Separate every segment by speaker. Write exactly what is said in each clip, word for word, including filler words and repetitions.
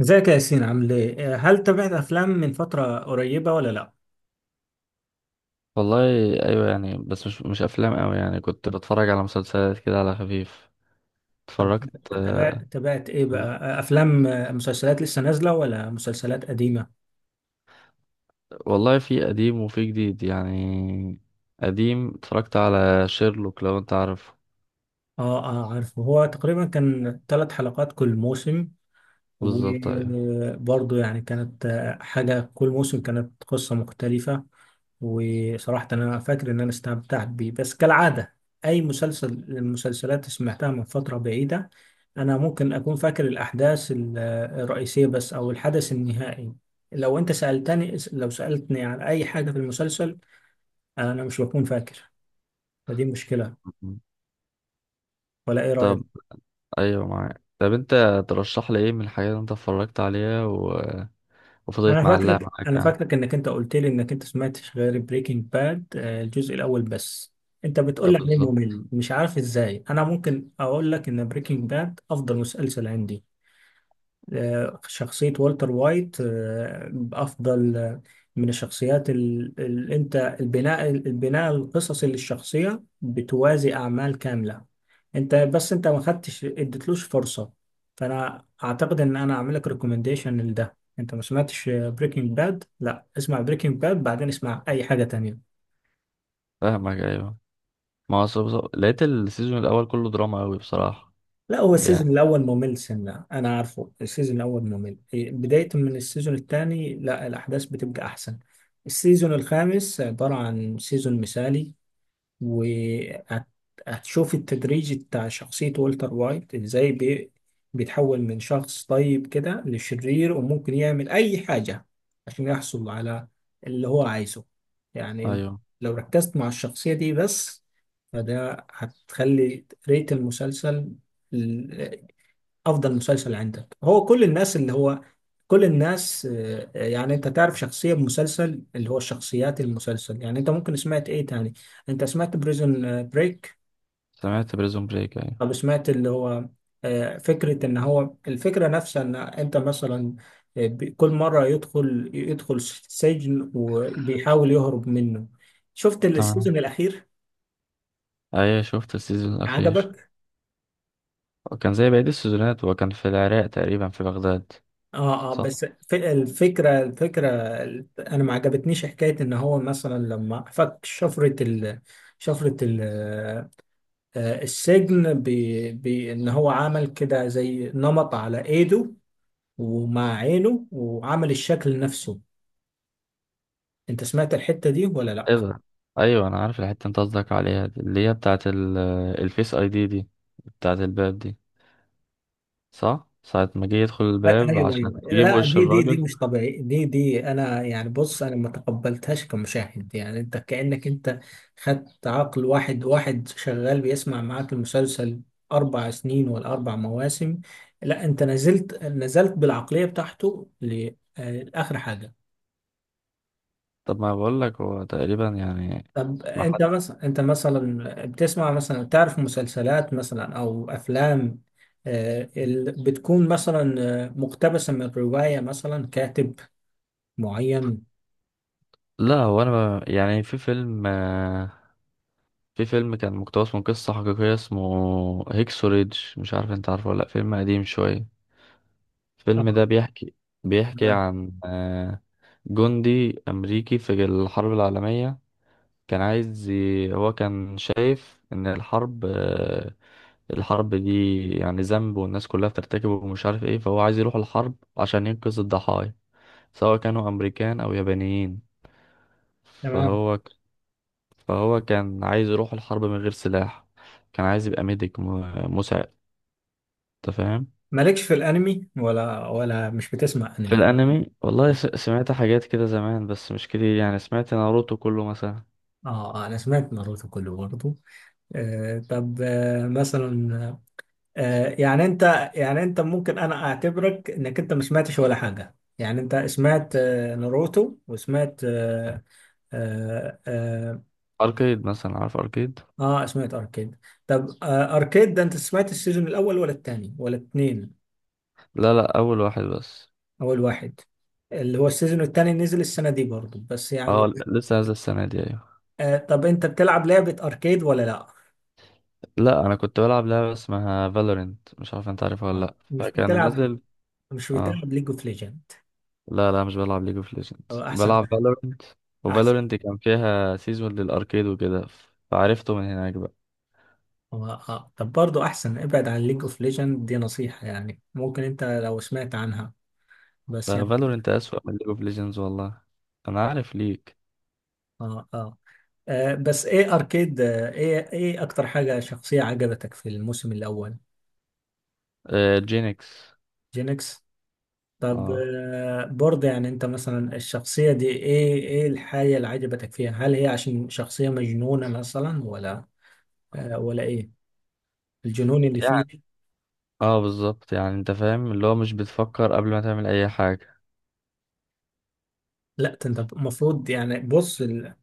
Speaker 1: ازيك يا ياسين، عامل ايه؟ آه، هل تابعت افلام من فترة قريبة ولا لا؟
Speaker 2: والله، ايوه يعني بس مش مش افلام قوي، يعني كنت بتفرج على مسلسلات كده على خفيف.
Speaker 1: طب
Speaker 2: اتفرجت.
Speaker 1: تابعت
Speaker 2: آه.
Speaker 1: تابعت ايه بقى؟ آه، افلام، آه، مسلسلات لسه نازلة ولا مسلسلات قديمة؟
Speaker 2: والله في قديم وفي جديد يعني. قديم اتفرجت على شيرلوك لو انت عارفه.
Speaker 1: اه اه، عارفه، هو تقريبا كان ثلاث حلقات كل موسم،
Speaker 2: بالظبط ايوه.
Speaker 1: وبرضه يعني كانت حاجة، كل موسم كانت قصة مختلفة. وصراحة أنا فاكر إن أنا استمتعت بيه، بس كالعادة أي مسلسل، المسلسلات سمعتها من فترة بعيدة، أنا ممكن أكون فاكر الأحداث ال- الرئيسية بس، أو الحدث النهائي. لو أنت سألتني لو سألتني عن أي حاجة في المسلسل أنا مش بكون فاكر، فدي مشكلة،
Speaker 2: مم.
Speaker 1: ولا إيه
Speaker 2: طب
Speaker 1: رأيك؟
Speaker 2: ايوه معاك. طب انت ترشح لي ايه من الحاجات اللي انت اتفرجت عليها و... وفضلت
Speaker 1: انا
Speaker 2: معلقة
Speaker 1: فاكرك
Speaker 2: معاك
Speaker 1: انا
Speaker 2: يعني.
Speaker 1: فاكرك انك انت قلت لي انك انت سمعتش غير بريكنج باد الجزء الاول بس، انت
Speaker 2: آه،
Speaker 1: بتقول لي عليه
Speaker 2: بالظبط.
Speaker 1: ممل. مش عارف ازاي، انا ممكن اقول لك ان بريكنج باد افضل مسلسل عندي. آه، شخصية والتر وايت، آه، أفضل آه، من الشخصيات اللي أنت، البناء البناء القصصي للشخصية بتوازي أعمال كاملة. أنت بس أنت ما خدتش، اديتلوش فرصة، فأنا أعتقد إن أنا أعمل لك ريكومنديشن لده. أنت ما سمعتش بريكنج باد، لا، اسمع بريكنج باد بعدين اسمع أي حاجة تانية.
Speaker 2: فاهمك ايوه. ما هو بالظبط- لقيت السيزون الاول كله دراما قوي بصراحة.
Speaker 1: لا، هو السيزون
Speaker 2: يعني
Speaker 1: الاول ممل، سنه انا عارفه السيزون الاول ممل، إيه، بدايه من السيزون الثاني لا، الاحداث بتبقى احسن. السيزون الخامس عباره عن سيزون مثالي، وهتشوف التدريج بتاع شخصية والتر وايت ازاي بي- بيتحول من شخص طيب كده لشرير، وممكن يعمل أي حاجة عشان يحصل على اللي هو عايزه، يعني.
Speaker 2: ايوه.
Speaker 1: لو ركزت مع الشخصية دي بس، فده هتخلي ريت المسلسل افضل مسلسل عندك. هو كل الناس اللي هو، كل الناس آه، يعني انت تعرف شخصية بمسلسل، اللي هو شخصيات المسلسل، يعني انت ممكن سمعت ايه تاني؟ انت سمعت بريزون بريك.
Speaker 2: سمعت بريزون بريك ايوه.
Speaker 1: طب سمعت اللي هو، آه، فكرة ان هو، الفكرة نفسها، ان انت مثلا آه، ب- كل مرة يدخل يدخل سجن وبيحاول يهرب منه. شفت
Speaker 2: تمام.
Speaker 1: السيزون الاخير؟
Speaker 2: ايوه شفت السيزون الاخير،
Speaker 1: عجبك؟
Speaker 2: كان زي بقية السيزونات وكان في العراق تقريبا في بغداد.
Speaker 1: اه اه،
Speaker 2: صح.
Speaker 1: بس ف- الفكرة، الفكرة انا ما عجبتنيش حكاية ان هو مثلا لما فك شفرة ال، شفرة ال آه، السجن، ب- ب- ان هو عمل كده زي نمط على ايده، ومع عينه، وعمل الشكل نفسه. انت سمعت الحتة دي ولا لا؟
Speaker 2: ايه ده. ايوه انا عارف الحته انت قصدك عليها دي، اللي هي بتاعه ال- الفيس اي دي دي، بتاعه الباب دي. صح ساعه ما جه يدخل الباب
Speaker 1: ايوه
Speaker 2: عشان
Speaker 1: ايوه،
Speaker 2: يجيب
Speaker 1: لا،
Speaker 2: وش
Speaker 1: دي دي دي
Speaker 2: الراجل.
Speaker 1: مش طبيعي، دي دي انا يعني بص، انا ما تقبلتهاش كمشاهد، يعني انت كأنك انت خدت عقل واحد واحد شغال بيسمع معاك المسلسل اربع سنين ولا اربع مواسم، لا انت نزلت نزلت بالعقلية بتاعته لاخر حاجة.
Speaker 2: طب ما بقول لك هو تقريبا يعني.
Speaker 1: طب
Speaker 2: ما حد.
Speaker 1: انت مثلا انت مثلا بتسمع مثلا، تعرف مسلسلات مثلا او افلام آه، ال- بتكون مثلا آه، مقتبسة من رواية مثلا، كاتب معين؟
Speaker 2: لا هو انا ب- يعني في فيلم آه، في فيلم كان مقتبس من قصه حقيقيه اسمه هيكسوريدج، مش عارف انت عارفه ولا لا، فيلم قديم شويه. الفيلم ده بيحكي بيحكي
Speaker 1: تمام.
Speaker 2: عن آه، جندي أمريكي في الحرب العالمية. كان عايز ي- هو كان شايف إن الحرب آه، الحرب دي يعني ذنب والناس كلها بترتكبه، ومش عارف ايه، فهو عايز يروح الحرب عشان ينقذ الضحايا سواء كانوا أمريكان أو يابانيين.
Speaker 1: تمام.
Speaker 2: فهو ك- فهو كان عايز يروح الحرب من غير سلاح. كان عايز يبقى ميديك م- مساعد. أنت فاهم.
Speaker 1: مالكش في الانمي ولا، ولا مش بتسمع
Speaker 2: في
Speaker 1: انمي؟
Speaker 2: الانمي والله، س- سمعت حاجات كده زمان بس مش كتير، يعني سمعت ناروتو كله مثلا.
Speaker 1: اه، آه، انا سمعت ناروتو كله برضه. آه طب آه مثلا آه يعني انت يعني انت ممكن انا اعتبرك انك انت ما سمعتش ولا حاجه، يعني انت سمعت آه ناروتو وسمعت اه اه, آه,
Speaker 2: اركيد مثلا، عارف اركيد.
Speaker 1: آه سمعت اركيد. طب آه اركيد ده انت سمعت السيزون الاول ولا الثاني ولا الاثنين؟
Speaker 2: لا، لا، اول واحد بس.
Speaker 1: اول واحد، اللي هو السيزون الثاني نزل السنه دي برضه بس
Speaker 2: اه،
Speaker 1: يعني.
Speaker 2: ل- لسه نازل السنه دي ايوه.
Speaker 1: آه طب انت بتلعب لعبة اركيد ولا لا؟
Speaker 2: لا انا كنت بلعب لعبه اسمها فالورنت، مش عارف انت عارفها ولا
Speaker 1: آه.
Speaker 2: لا،
Speaker 1: مش
Speaker 2: فكان
Speaker 1: بتلعب،
Speaker 2: نازل.
Speaker 1: مش
Speaker 2: اه.
Speaker 1: بتلعب ليج اوف ليجند؟
Speaker 2: لا، لا، مش بلعب ليج اوف
Speaker 1: هو
Speaker 2: ليجندز،
Speaker 1: احسن.
Speaker 2: بلعب فالورنت.
Speaker 1: احسن.
Speaker 2: وفالورنت كان فيها سيزون للاركيد وكده، فعرفته من هناك بقى.
Speaker 1: هو اه، طب برضه احسن ابعد عن ليج اوف ليجند، دي نصيحة يعني، ممكن انت لو سمعت عنها بس
Speaker 2: ده
Speaker 1: يعني.
Speaker 2: فالورنت اسوأ من ليج اوف ليجندز والله. انا عارف ليك.
Speaker 1: اه اه, آه بس ايه اركيد آه ايه، ايه اكتر حاجة شخصية عجبتك في الموسم الاول؟
Speaker 2: آه، جينكس.
Speaker 1: جينكس. طب
Speaker 2: اه،
Speaker 1: آه برضه يعني انت مثلا الشخصية دي ايه، ايه الحاجة اللي عجبتك فيها؟ هل هي عشان شخصية مجنونة مثلا ولا آه ولا ايه، الجنون اللي فيك؟
Speaker 2: اه، بالظبط. يعني انت فاهم اللي هو مش بتفكر قبل ما تعمل اي حاجة.
Speaker 1: لا، ده انت المفروض يعني، بص ال...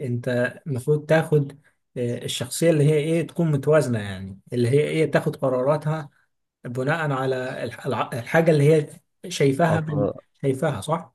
Speaker 1: انت المفروض تاخد آه، الشخصية اللي هي ايه، تكون متوازنة، يعني اللي هي ايه، تاخد قراراتها بناء على الح- الع- الحاجة اللي هي شايفاها من،
Speaker 2: اصل
Speaker 1: شايفاها صح؟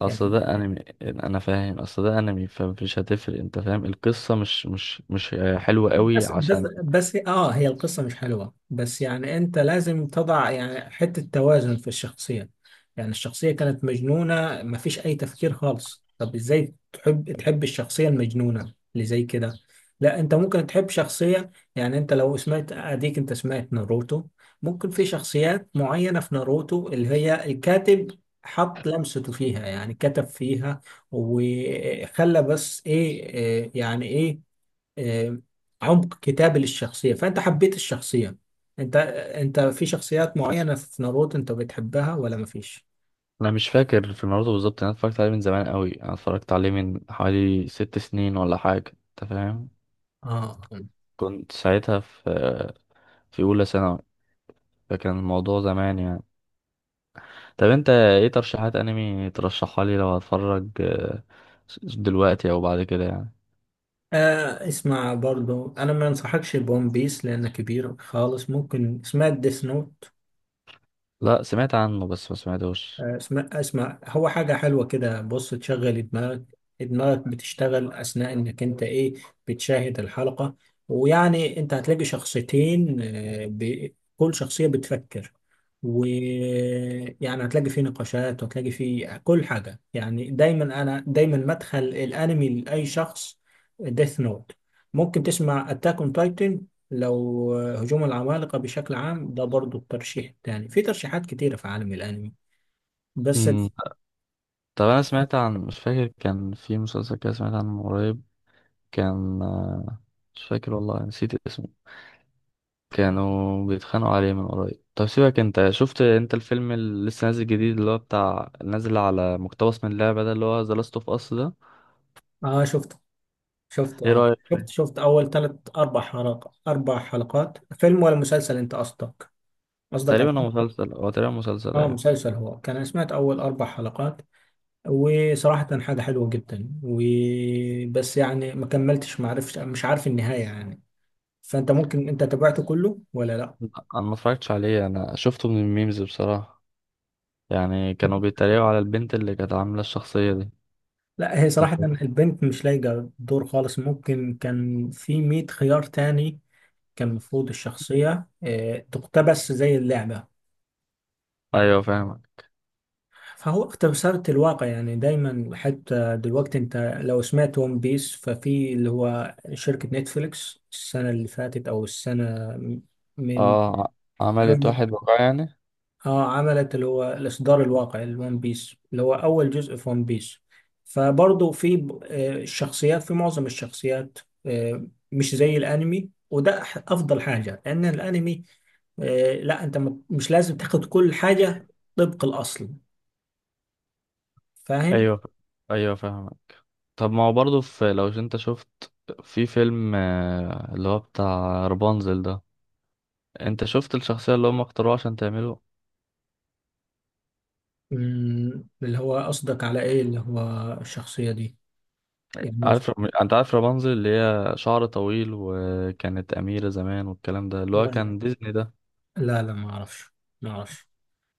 Speaker 2: اصل ده انمي انا فاهم. اصل ده انمي فمش هتفرق. انت فاهم القصة مش مش مش حلوة قوي
Speaker 1: بس، بس،
Speaker 2: عشان.
Speaker 1: بس اه هي القصة مش حلوة، بس يعني انت لازم تضع يعني حتة توازن في الشخصية. يعني الشخصية كانت مجنونة، مفيش اي تفكير خالص، طب ازاي تحب، تحب الشخصية المجنونة اللي زي كده؟ لا، انت ممكن تحب شخصية، يعني انت لو سمعت، اديك انت سمعت ناروتو، ممكن في شخصيات معينة في ناروتو اللي هي الكاتب حط لمسته فيها، يعني كتب فيها وخلى، بس ايه، إيه، يعني ايه، آه، عمق كتابة للشخصية، فأنت حبيت الشخصية. أنت أنت في شخصيات معينة في ناروتو أنت بتحبها ولا مفيش؟
Speaker 2: انا مش فاكر في ناروتو بالظبط، انا اتفرجت عليه من زمان قوي، انا اتفرجت عليه من حوالي ست سنين ولا حاجة. انت فاهم.
Speaker 1: آه.
Speaker 2: كنت ساعتها في في اولى ثانوي. فكان الموضوع زمان يعني. طب انت ايه ترشيحات انمي ترشحها لي لو هتفرج آه، دلوقتي او بعد كده يعني.
Speaker 1: آه اسمع، برضو أنا ما أنصحكش بون بيس لأنه كبير خالص. ممكن سمعت ديث،
Speaker 2: لا سمعت عنه بس ما سمعتوش.
Speaker 1: آه، اسمع اسمع، هو حاجة حلوة كده، بص تشغل دماغك، دماغك بتشتغل أثناء إنك أنت إيه، بتشاهد الحلقة، ويعني أنت هتلاقي شخصيتين آه، ب- كل شخصية بتفكر، ويعني هتلاقي فيه نقاشات، وهتلاقي فيه كل حاجة، يعني دايما أنا دايما مدخل الأنمي لأي شخص ديث نوت. ممكن تسمع أتاك أون تايتن، لو آه، هجوم العمالقة بشكل عام، ده برضو الترشيح التاني في ترشيحات كتيرة في عالم الأنمي، بس ال-
Speaker 2: امم طب انا سمعت عن، مش فاكر، كان في مسلسل كده سمعت عنه من قريب. كان آه، مش فاكر والله نسيت اسمه. كانوا بيتخانقوا عليه من قريب. طب سيبك، انت شفت انت الفيلم اللي لسه نازل جديد اللي هو بتاع نازل على مقتبس من اللعبة ده اللي هو ذا لاست اوف اس ده.
Speaker 1: اه، شفته، شفته
Speaker 2: ايه
Speaker 1: اه
Speaker 2: رأيك
Speaker 1: شفت
Speaker 2: فيه؟
Speaker 1: شفت اول ثلاث، اربع حلقات، اربع حلقات فيلم ولا مسلسل انت قصدك، قصدك على؟
Speaker 2: تقريبا هو مسلسل، هو تقريبا مسلسل
Speaker 1: اه،
Speaker 2: ايوه.
Speaker 1: مسلسل، هو كان أنا سمعت اول اربع حلقات، وصراحة حاجة حلوة جدا، وبس يعني ما كملتش، ما عرفش، مش عارف النهاية يعني. فانت ممكن انت تابعته كله ولا لا؟
Speaker 2: لا، انا ما اتفرجتش عليه. انا شفته من الميمز بصراحة. يعني كانوا بيتريقوا على البنت اللي كانت عاملة الشخصية دي.
Speaker 1: لا، هي
Speaker 2: أنت
Speaker 1: صراحة
Speaker 2: فاهم؟
Speaker 1: البنت مش لايقة الدور خالص، ممكن كان في مئة خيار تاني. كان المفروض الشخصية آه، تقتبس زي اللعبة،
Speaker 2: ايوه فاهم.
Speaker 1: فهو تمثال الواقع يعني، دايما حتى دلوقتي انت لو سمعت ون بيس، ففي اللي هو شركة نتفليكس السنة اللي فاتت او السنة من،
Speaker 2: اه، ع- عملت
Speaker 1: مم.
Speaker 2: واحد وقع يعني.
Speaker 1: اه عملت اللي هو الاصدار الواقعي الون بيس، اللي هو اول جزء في ون بيس، فبرضه في ب- آه، الشخصيات، في معظم الشخصيات آه، مش زي الانمي، وده أح- افضل حاجة، لان الانمي آه، لا انت م- مش لازم تاخد كل حاجة طبق الاصل، فاهم.
Speaker 2: ايوه، ايوه، فاهم. طب ما هو برضه في، لو انت شفت، في فيلم آه، اللي هو بتاع رابنزل ده. انت شفت الشخصية اللي هم اختاروها عشان تعمله.
Speaker 1: مم، اللي هو قصدك على ايه؟ اللي هو الشخصية دي يعني؟
Speaker 2: عارف رم... انت عارف رابنزل اللي هي شعر طويل وكانت أميرة زمان والكلام ده اللي هو
Speaker 1: ولا-
Speaker 2: كان ديزني ده.
Speaker 1: لا لا، ما اعرفش. ما اعرفش.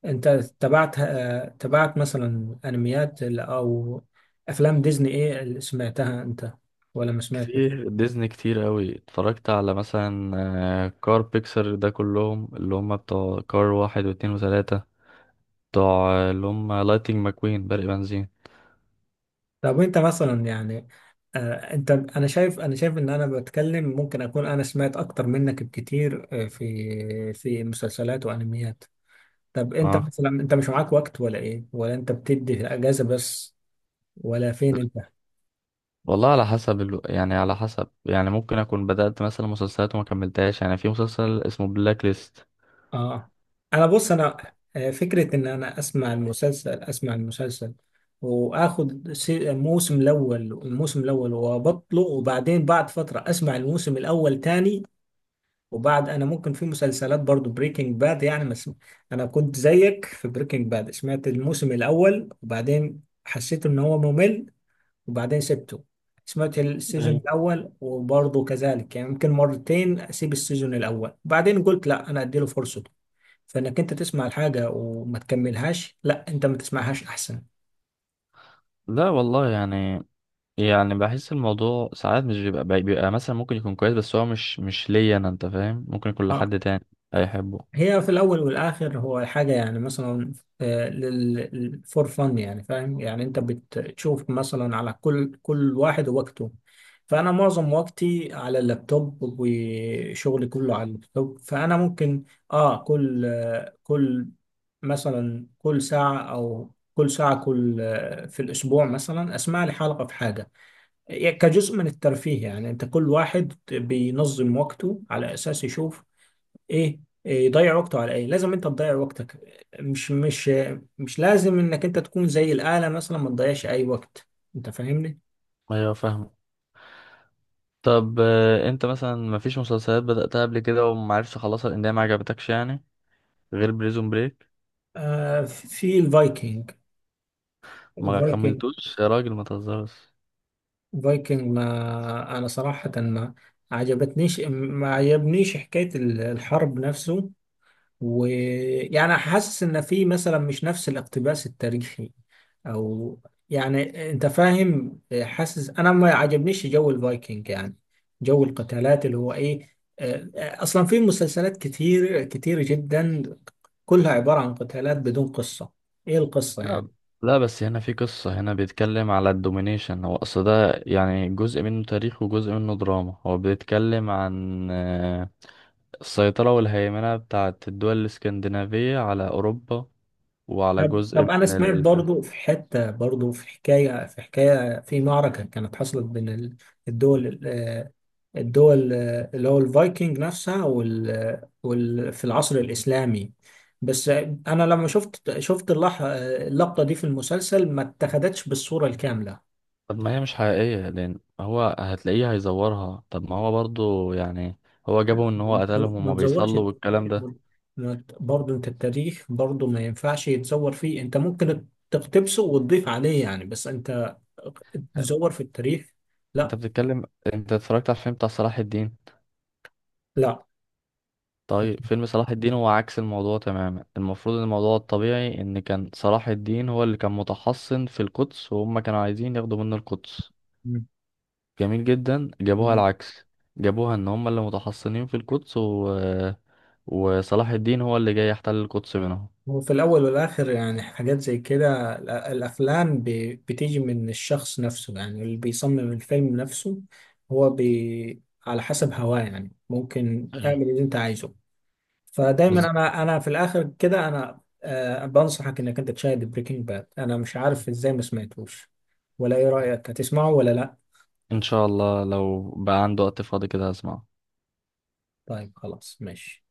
Speaker 1: انت تبعت آه، تبعت مثلا انميات ال- او افلام ديزني، ايه اللي سمعتها انت ولا ما سمعتش؟
Speaker 2: كتير، ديزني كتير قوي. اتفرجت على مثلا آه، كار بيكسر ده كلهم اللي هم بتوع كار واحد واتنين وتلاتة، بتوع آه، اللي هم لايتنج ماكوين برق بنزين.
Speaker 1: طب انت مثلا يعني آه، انت، انا شايف انا شايف ان انا بتكلم ممكن اكون انا سمعت اكتر منك بكتير آه، في في مسلسلات وانميات. طب انت
Speaker 2: اه،
Speaker 1: مثلا انت مش معاك وقت ولا ايه، ولا انت بتدي اجازة بس، ولا فين انت؟
Speaker 2: والله على حسب ال... يعني على حسب، يعني ممكن اكون بدأت مثلا مسلسلات وما كملتهاش، يعني في مسلسل اسمه بلاك ليست.
Speaker 1: اه، انا بص، انا آه، فكره ان انا اسمع المسلسل، اسمع المسلسل واخد سي- الموسم الاول، الموسم الاول وابطله وبعدين بعد فتره اسمع الموسم الاول تاني. وبعد، انا ممكن في مسلسلات برضو بريكنج باد يعني مس... انا كنت زيك في بريكنج باد، سمعت الموسم الاول وبعدين حسيت ان هو ممل، وبعدين سبته. سمعت السيزون
Speaker 2: ايوه.
Speaker 1: الاول وبرضه كذلك، يعني ممكن مرتين اسيب السيزون الاول، بعدين قلت لا انا اديله فرصه. فانك انت تسمع الحاجه وما تكملهاش، لا انت ما تسمعهاش احسن.
Speaker 2: لا والله يعني يعني بحس الموضوع ساعات مش بيبقى بيبقى مثلا ممكن يكون كويس، بس هو مش مش ليا انا، انت فاهم، ممكن يكون
Speaker 1: اه،
Speaker 2: لحد تاني هيحبه.
Speaker 1: هي في الاول والاخر هو حاجه يعني مثلا فور فن، يعني فاهم يعني، انت بتشوف مثلا على كل كل واحد وقته. فانا معظم وقتي على اللابتوب، وشغلي كله على اللابتوب، فانا ممكن، اه كل آه، كل مثلا، كل ساعه او كل ساعه، كل آه، في الاسبوع مثلا اسمع لي حلقه في حاجه، يعني كجزء من الترفيه. يعني انت كل واحد بينظم وقته على اساس يشوف ايه، إيه يضيع وقته على ايه، لازم انت تضيع وقتك، مش مش مش لازم انك انت تكون زي الآلة مثلا ما تضيعش اي وقت، انت فاهمني.
Speaker 2: ايوه فاهم. طب آه، انت مثلا مفيش مسلسلات بدأتها قبل كده ومعرفش اخلصها لان هي ما عجبتكش يعني، غير بريزون بريك.
Speaker 1: آه في الفايكنج،
Speaker 2: ما
Speaker 1: الفايكنج
Speaker 2: كملتوش يا راجل ما تهزرش.
Speaker 1: الفايكنج ما انا صراحة ما عجبتنيش ما عجبنيش حكاية الحرب نفسه، ويعني حاسس ان في مثلا مش نفس الاقتباس التاريخي او، يعني انت فاهم، حاسس انا ما عجبنيش جو الفايكنج يعني، جو القتالات اللي هو ايه، آه، اصلا في مسلسلات كتير كتير جدا كلها عبارة عن قتالات بدون قصة، ايه القصة
Speaker 2: لا،
Speaker 1: يعني؟
Speaker 2: لا، بس هنا في قصة. هنا بيتكلم على الدومينيشن، هو أصل ده يعني جزء منه تاريخ وجزء منه دراما. هو بيتكلم عن آه، السيطرة والهيمنة بتاعت الدول الإسكندنافية على أوروبا وعلى
Speaker 1: طب
Speaker 2: جزء
Speaker 1: طب، انا
Speaker 2: من
Speaker 1: سمعت
Speaker 2: ال...
Speaker 1: برضو في حتة، برضو في حكاية، في حكاية في معركة كانت حصلت بين ال- الدول، آه، الدول آه، اللي هو الفايكنج نفسها وال... وال... في العصر الإسلامي. بس آه، أنا لما شفت، شفت اللح... آه، اللقطة دي في المسلسل ما اتخذتش بالصورة الكاملة.
Speaker 2: طب ما هي مش حقيقية لأن هو هتلاقيه هيزورها. طب ما هو برضو يعني هو جابه إن هو قتلهم
Speaker 1: ما
Speaker 2: وما
Speaker 1: تزورش،
Speaker 2: بيصلوا والكلام ده.
Speaker 1: ما ت- برضه أنت التاريخ برضه ما ينفعش يتزور فيه. أنت ممكن تقتبسه وتضيف عليه يعني، بس أنت تزور في التاريخ
Speaker 2: أنت
Speaker 1: لا.
Speaker 2: بتتكلم. أنت اتفرجت على الفيلم بتاع صلاح الدين؟
Speaker 1: لا
Speaker 2: طيب فيلم صلاح الدين هو عكس الموضوع تماما. المفروض ان الموضوع الطبيعي ان كان صلاح الدين هو اللي كان متحصن في القدس وهم كانوا عايزين ياخدوا منه القدس. جميل جدا جابوها العكس. جابوها ان هم اللي متحصنين في القدس و... وصلاح الدين هو اللي جاي يحتل القدس منهم.
Speaker 1: هو في الأول والآخر يعني حاجات زي كده الأ- الأفلام ب- بتيجي من الشخص نفسه، يعني اللي بيصمم الفيلم نفسه هو بي على حسب هواه يعني، ممكن
Speaker 2: ايوه
Speaker 1: اعمل اللي أنت عايزه. فدايما
Speaker 2: بالظبط.
Speaker 1: أنا أنا في الآخر كده أنا آه، بنصحك إنك أنت تشاهد بريكنج باد، أنا مش عارف إزاي ما سمعتوش، ولا إيه رأيك، هتسمعه ولا لأ؟
Speaker 2: ان شاء الله لو بقى عنده وقت فاضي كده هسمعه.
Speaker 1: طيب، خلاص، ماشي.